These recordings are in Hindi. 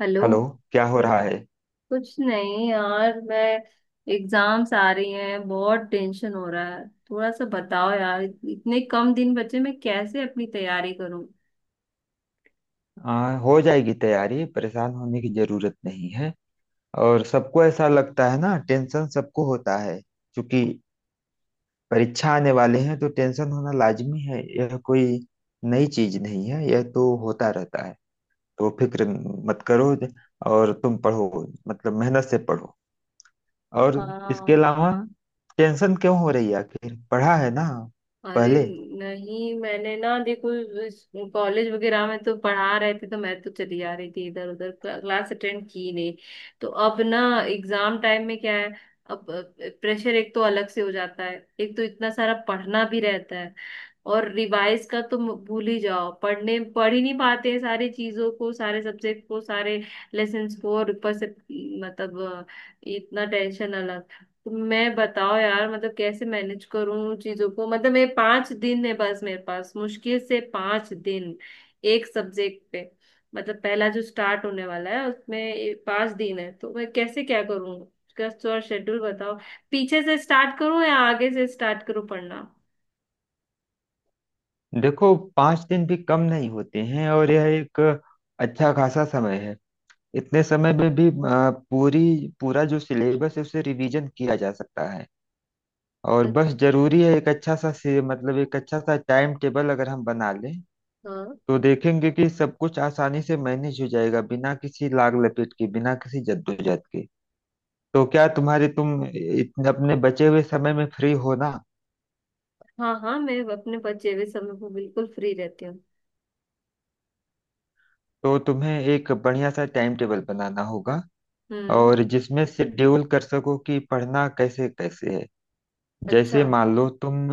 हेलो। हेलो। क्या हो रहा है? कुछ नहीं यार मैं एग्जाम्स आ रही हैं बहुत टेंशन हो रहा है। थोड़ा सा बताओ यार, इतने कम दिन बचे मैं कैसे अपनी तैयारी करूं। हो जाएगी तैयारी, परेशान होने की जरूरत नहीं है। और सबको ऐसा लगता है ना, टेंशन सबको होता है क्योंकि परीक्षा आने वाले हैं तो टेंशन होना लाजमी है। यह कोई नई चीज नहीं है, यह तो होता रहता है। तो फिक्र मत करो और तुम पढ़ो, मतलब मेहनत से पढ़ो। और इसके हाँ। अलावा टेंशन क्यों हो रही है, आखिर पढ़ा है ना अरे पहले? नहीं, मैंने ना देखो कॉलेज वगैरह में तो पढ़ा रहे थे तो मैं तो चली जा रही थी, इधर उधर क्लास अटेंड की नहीं। तो अब ना एग्जाम टाइम में क्या है, अब प्रेशर एक तो अलग से हो जाता है, एक तो इतना सारा पढ़ना भी रहता है। और रिवाइज का तो भूल ही जाओ, पढ़ने पढ़ ही नहीं पाते हैं सारी चीजों को, सारे सब्जेक्ट को, सारे लेसन्स को, और ऊपर से मतलब अ, इतना टेंशन अलग। तो मैं बताओ यार मतलब कैसे मैनेज करूं उन चीजों को। मतलब मैं पांच दिन है बस मेरे पास, मुश्किल से पांच दिन एक सब्जेक्ट पे। मतलब पहला जो स्टार्ट होने वाला है उसमें ये पांच दिन है, तो मैं कैसे क्या करूं उसका थोड़ा शेड्यूल बताओ। पीछे से स्टार्ट करूं या आगे से स्टार्ट करूं पढ़ना। देखो, पांच दिन भी कम नहीं होते हैं और यह एक अच्छा खासा समय है। इतने समय में भी अ, पूरी पूरा जो सिलेबस है उसे रिवीजन किया जा सकता है। और बस अच्छा। जरूरी है एक मतलब एक अच्छा सा टाइम टेबल अगर हम बना लें हाँ, तो देखेंगे कि सब कुछ आसानी से मैनेज हो जाएगा, बिना किसी लाग लपेट के, बिना किसी जद्दोजहद के। तो क्या तुम इतने अपने बचे हुए समय में फ्री हो ना? हाँ, हाँ मैं अपने बचे हुए समय पर बिल्कुल फ्री रहती हूँ। तो तुम्हें एक बढ़िया सा टाइम टेबल बनाना होगा, हम्म। और जिसमें शेड्यूल कर सको कि पढ़ना कैसे कैसे है। अच्छा। जैसे मान लो तुम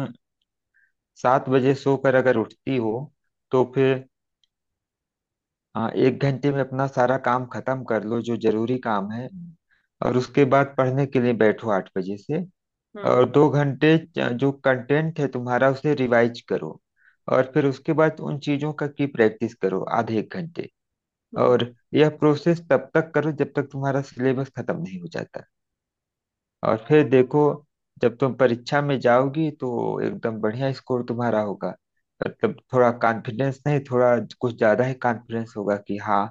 सात बजे सोकर अगर उठती हो तो फिर एक घंटे में अपना सारा काम खत्म कर लो जो जरूरी काम है। और उसके बाद पढ़ने के लिए बैठो आठ बजे से, हाँ। और दो घंटे जो कंटेंट है तुम्हारा उसे रिवाइज करो। और फिर उसके बाद उन चीजों का की प्रैक्टिस करो आधे एक घंटे। हम्म। और यह प्रोसेस तब तक करो जब तक तुम्हारा सिलेबस खत्म नहीं हो जाता। और फिर देखो, जब तुम परीक्षा में जाओगी तो एकदम बढ़िया स्कोर तुम्हारा होगा। मतलब थोड़ा कॉन्फिडेंस नहीं, थोड़ा कुछ ज्यादा ही कॉन्फिडेंस होगा कि हाँ,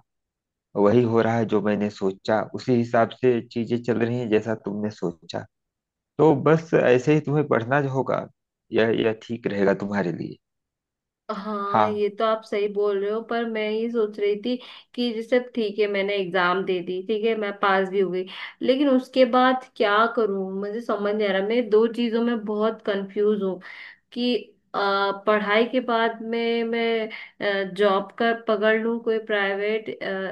वही हो रहा है जो मैंने सोचा, उसी हिसाब से चीजें चल रही हैं जैसा तुमने सोचा। तो बस ऐसे ही तुम्हें पढ़ना जो होगा, यह ठीक रहेगा तुम्हारे लिए। हाँ, हाँ, ये तो आप सही बोल रहे हो, पर मैं ये सोच रही थी कि जैसे ठीक है मैंने एग्जाम दे दी, ठीक है मैं पास भी हो गई, लेकिन उसके बाद क्या करूँ मुझे समझ नहीं आ रहा। मैं दो चीजों में बहुत कंफ्यूज हूँ कि अ, पढ़ाई के बाद में मैं जॉब का पकड़ लूं कोई प्राइवेट,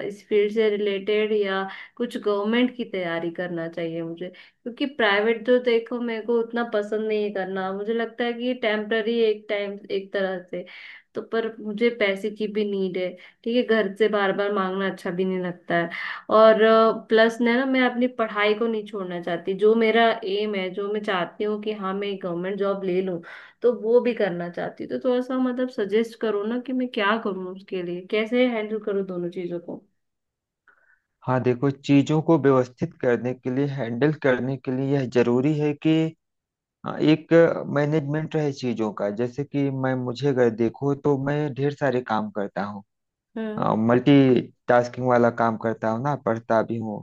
इस फील्ड से रिलेटेड, या कुछ गवर्नमेंट की तैयारी करना चाहिए मुझे। क्योंकि प्राइवेट जो देखो मेरे को उतना पसंद नहीं है करना, मुझे लगता है कि ये टेम्पररी एक टाइम एक तरह से। तो पर मुझे पैसे की भी नीड है, ठीक है, घर से बार बार मांगना अच्छा भी नहीं लगता है। और प्लस ना ना मैं अपनी पढ़ाई को नहीं छोड़ना चाहती, जो मेरा एम है, जो मैं चाहती हूँ कि हाँ मैं गवर्नमेंट जॉब ले लूँ, तो वो भी करना चाहती हूँ। तो थोड़ा सा मतलब सजेस्ट करो ना कि मैं क्या करूँ, उसके लिए कैसे हैंडल करूँ दोनों चीजों को। हाँ, देखो, चीजों को व्यवस्थित करने के लिए, हैंडल करने के लिए यह जरूरी है कि हाँ, एक मैनेजमेंट है चीजों का। जैसे कि मैं मुझे अगर देखो तो मैं ढेर सारे काम करता हूँ, हम्म। मल्टी टास्किंग वाला काम करता हूँ ना, पढ़ता भी हूँ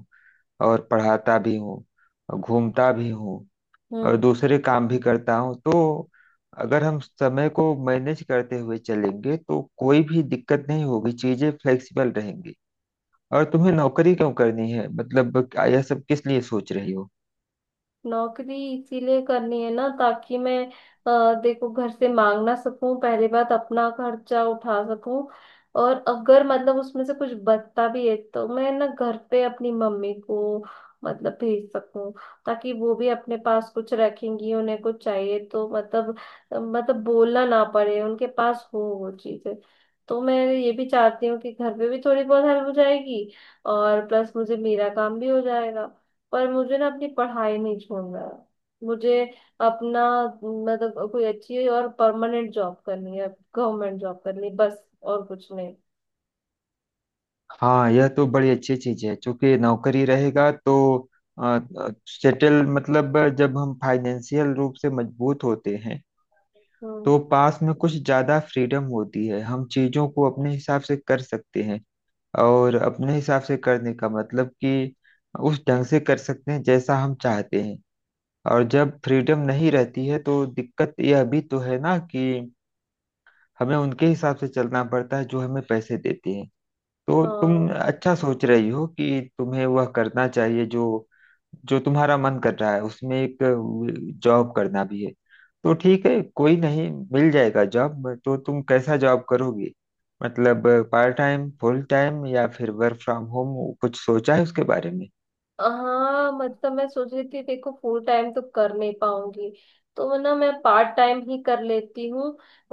और पढ़ाता भी हूँ और घूमता भी हूँ और हम्म। दूसरे काम भी करता हूँ। तो अगर हम समय को मैनेज करते हुए चलेंगे तो कोई भी दिक्कत नहीं होगी, चीजें फ्लेक्सिबल रहेंगी। और तुम्हें नौकरी क्यों करनी है, मतलब यह सब किस लिए सोच रही हो? नौकरी इसीलिए करनी है ना ताकि मैं देखो घर से मांग ना सकूं, पहली बात अपना खर्चा उठा सकूं, और अगर मतलब उसमें से कुछ बचता भी है तो मैं ना घर पे अपनी मम्मी को मतलब भेज सकूं, ताकि वो भी अपने पास कुछ रखेंगी, उन्हें कुछ चाहिए तो मतलब मतलब बोलना ना पड़े, उनके पास हो वो चीजें। तो मैं ये भी चाहती हूँ कि घर पे भी थोड़ी बहुत हेल्प हो जाएगी, और प्लस मुझे मेरा काम भी हो जाएगा। पर मुझे ना अपनी पढ़ाई नहीं छोड़ना है, मुझे अपना मतलब कोई अच्छी और परमानेंट जॉब करनी है, गवर्नमेंट जॉब करनी, बस और कुछ नहीं। हाँ, यह तो बड़ी अच्छी चीज है, क्योंकि नौकरी रहेगा तो सेटल, मतलब जब हम फाइनेंशियल रूप से मजबूत होते हैं हम्म। तो पास में कुछ ज्यादा फ्रीडम होती है, हम चीजों को अपने हिसाब से कर सकते हैं। और अपने हिसाब से करने का मतलब कि उस ढंग से कर सकते हैं जैसा हम चाहते हैं। और जब फ्रीडम नहीं रहती है तो दिक्कत यह भी तो है ना कि हमें उनके हिसाब से चलना पड़ता है जो हमें पैसे देते हैं। तो तुम हाँ, अच्छा सोच रही हो कि तुम्हें वह करना चाहिए जो जो तुम्हारा मन कर रहा है, उसमें एक जॉब करना भी है। तो ठीक है, कोई नहीं मिल जाएगा जॉब। तो तुम कैसा जॉब करोगी, मतलब पार्ट टाइम, फुल टाइम या फिर वर्क फ्रॉम होम, कुछ सोचा है उसके बारे में? हाँ मतलब मैं सोच रही थी, देखो फुल टाइम तो कर नहीं पाऊंगी, तो ना मैं पार्ट टाइम ही कर लेती हूँ,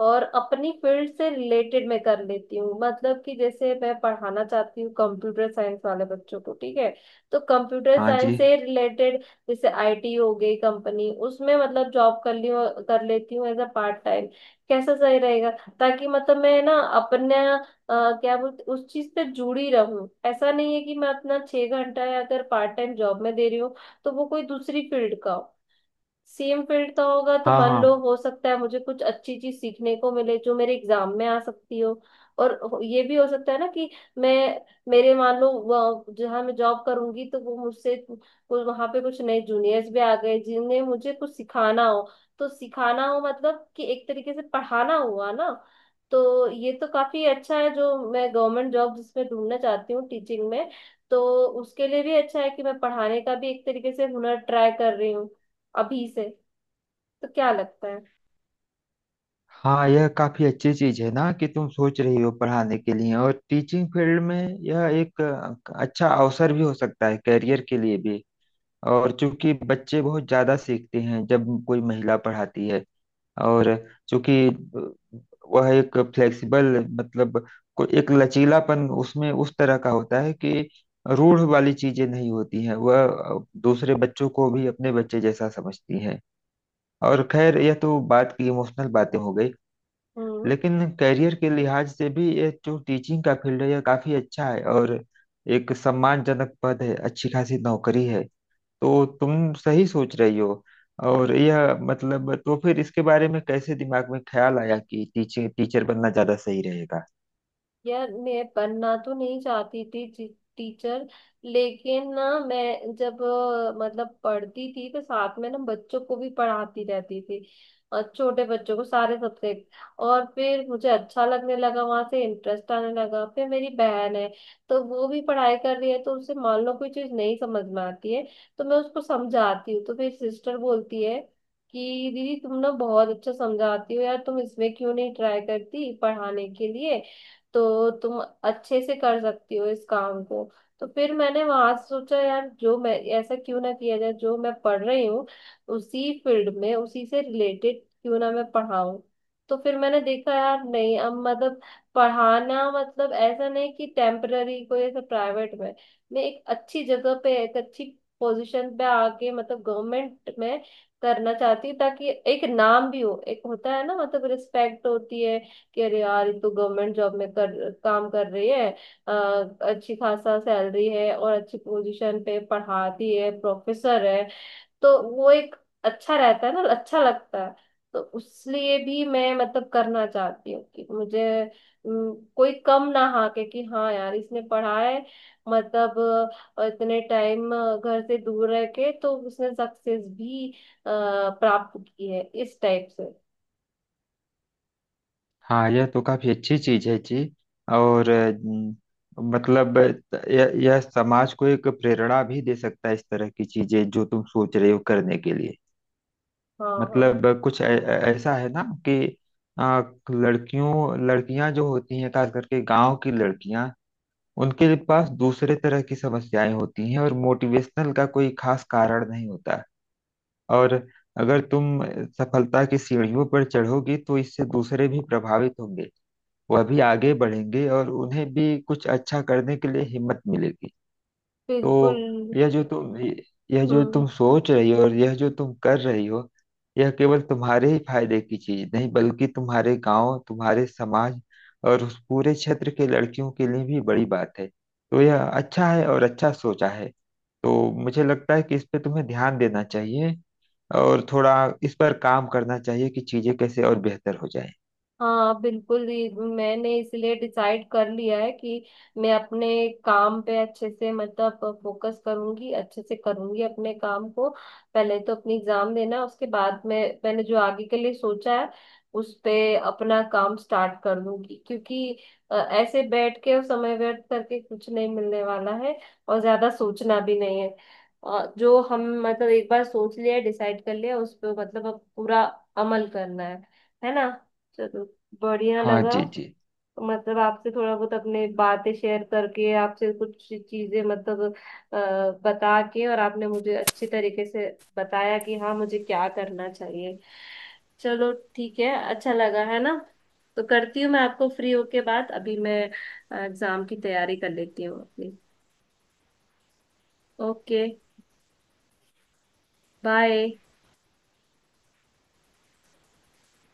और अपनी फील्ड से रिलेटेड मैं कर लेती हूँ, मतलब कि जैसे मैं पढ़ाना चाहती हूँ कंप्यूटर साइंस वाले बच्चों को, ठीक है। तो कंप्यूटर हाँ साइंस जी। से रिलेटेड, जैसे आईटी हो गई कंपनी, उसमें मतलब जॉब कर ली, कर लेती हूँ एज अ पार्ट टाइम, कैसा सही रहेगा। ताकि मतलब मैं ना अपने क्या बोलते उस चीज पे जुड़ी रहूं। ऐसा नहीं है कि मैं अपना छह घंटा या अगर पार्ट टाइम जॉब में दे रही हूँ तो वो कोई दूसरी फील्ड का हो, सेम फील्ड का होगा तो हाँ, मान लो हाँ। हो सकता है मुझे कुछ अच्छी चीज सीखने को मिले जो मेरे एग्जाम में आ सकती हो। और ये भी हो सकता है ना कि मैं, मेरे मान लो जहाँ मैं जॉब करूंगी तो वो मुझसे कुछ वहां पे कुछ नए जूनियर्स भी आ गए जिन्हें मुझे कुछ सिखाना हो, तो सिखाना हो मतलब कि एक तरीके से पढ़ाना हुआ ना। तो ये तो काफी अच्छा है, जो मैं गवर्नमेंट जॉब जिसमें ढूंढना चाहती हूँ टीचिंग में, तो उसके लिए भी अच्छा है कि मैं पढ़ाने का भी एक तरीके से हुनर ट्राई कर रही हूँ अभी से। तो क्या लगता है। हाँ, यह काफी अच्छी चीज है ना कि तुम सोच रही हो पढ़ाने के लिए, और टीचिंग फील्ड में यह एक अच्छा अवसर भी हो सकता है, करियर के लिए भी। और चूंकि बच्चे बहुत ज्यादा सीखते हैं जब कोई महिला पढ़ाती है, और चूंकि वह एक फ्लेक्सिबल, मतलब को एक लचीलापन उसमें उस तरह का होता है कि रूढ़ वाली चीजें नहीं होती हैं, वह दूसरे बच्चों को भी अपने बच्चे जैसा समझती हैं। और खैर, यह तो बात की इमोशनल बातें हो गई, हम्म। लेकिन कैरियर के लिहाज से भी यह जो टीचिंग का फील्ड है यह काफी अच्छा है, और एक सम्मानजनक पद है, अच्छी खासी नौकरी है। तो तुम सही सोच रही हो। और यह मतलब, तो फिर इसके बारे में कैसे दिमाग में ख्याल आया कि टीचर टीचर बनना ज्यादा सही रहेगा? यार मैं बनना तो नहीं चाहती थी टीचर, लेकिन ना मैं जब मतलब पढ़ती थी तो साथ में ना बच्चों को भी पढ़ाती रहती थी, और छोटे बच्चों को सारे सब्जेक्ट। और फिर मुझे अच्छा लगने लगा, वहां से इंटरेस्ट आने लगा। फिर मेरी बहन है, तो वो भी पढ़ाई कर रही है, तो उसे मान लो कोई चीज नहीं समझ में आती है तो मैं उसको समझाती हूँ, तो मेरी सिस्टर बोलती है कि दीदी तुम ना बहुत अच्छा समझाती हो यार, तुम इसमें क्यों नहीं ट्राई करती पढ़ाने के लिए, तो तुम अच्छे से कर सकती हो इस काम को। तो फिर मैंने वहां से सोचा यार, जो मैं ऐसा क्यों ना किया जाए, जो मैं पढ़ रही हूँ उसी फील्ड में, उसी से रिलेटेड क्यों ना मैं पढ़ाऊँ। तो फिर मैंने देखा यार, नहीं अब मतलब पढ़ाना मतलब ऐसा नहीं कि टेम्पररी कोई ऐसा प्राइवेट में, मैं एक अच्छी जगह पे एक अच्छी पोजीशन पे आके मतलब गवर्नमेंट में करना चाहती हूँ, ताकि एक नाम भी हो, एक होता है ना मतलब रिस्पेक्ट होती है कि अरे यार ये तो गवर्नमेंट जॉब में कर काम कर रही है, अ, अच्छी खासा सैलरी है और अच्छी पोजीशन पे पढ़ाती है, प्रोफेसर है। तो वो एक अच्छा रहता है ना, अच्छा लगता है। तो उसलिए भी मैं मतलब करना चाहती हूँ कि मुझे कोई कम ना हाके कि हाँ यार इसने पढ़ा है, मतलब इतने टाइम घर से दूर रह के तो उसने सक्सेस भी अ, प्राप्त की है इस टाइप से। हाँ, यह तो काफी अच्छी चीज है जी। और अम, मतलब यह समाज को एक प्रेरणा भी दे सकता है, इस तरह की चीजें जो तुम सोच रहे हो करने के लिए। हाँ, हाँ, मतलब कुछ ऐसा है ना कि आ, लड़कियों लड़कियां जो होती हैं, खास करके गांव की लड़कियां, उनके पास दूसरे तरह की समस्याएं होती हैं और मोटिवेशनल का कोई खास कारण नहीं होता। और अगर तुम सफलता की सीढ़ियों पर चढ़ोगी तो इससे दूसरे भी प्रभावित होंगे, वह भी आगे बढ़ेंगे और उन्हें भी कुछ अच्छा करने के लिए हिम्मत मिलेगी। बिल्कुल। तो यह जो तुम यह जो हम्म। तुम सोच रही हो और यह जो तुम कर रही हो, यह केवल तुम्हारे ही फायदे की चीज नहीं बल्कि तुम्हारे गांव, तुम्हारे समाज और उस पूरे क्षेत्र के लड़कियों के लिए भी बड़ी बात है। तो यह अच्छा है और अच्छा सोचा है। तो मुझे लगता है कि इस पे तुम्हें ध्यान देना चाहिए और थोड़ा इस पर काम करना चाहिए कि चीजें कैसे और बेहतर हो जाए। हाँ बिल्कुल, ये मैंने इसलिए डिसाइड कर लिया है कि मैं अपने काम पे अच्छे से मतलब फोकस करूंगी, अच्छे से करूंगी अपने काम को। पहले तो अपनी एग्जाम देना, उसके बाद में मैंने जो आगे के लिए सोचा है उस पे अपना काम स्टार्ट कर दूंगी। क्योंकि ऐसे बैठ के और समय व्यर्थ करके कुछ नहीं मिलने वाला है, और ज्यादा सोचना भी नहीं है। जो हम मतलब एक बार सोच लिया डिसाइड कर लिया उस पे मतलब अब पूरा अमल करना है ना। चलो, बढ़िया हाँ लगा। जी जी। तो मतलब आपसे थोड़ा बहुत अपने बातें शेयर करके आपसे कुछ चीजें मतलब अ, बता के, और आपने मुझे अच्छी तरीके से बताया कि हाँ मुझे क्या करना चाहिए। चलो ठीक है, अच्छा लगा है ना। तो करती हूँ मैं आपको फ्री होके बात, अभी मैं एग्जाम की तैयारी कर लेती हूँ अपनी। ओके। बाय।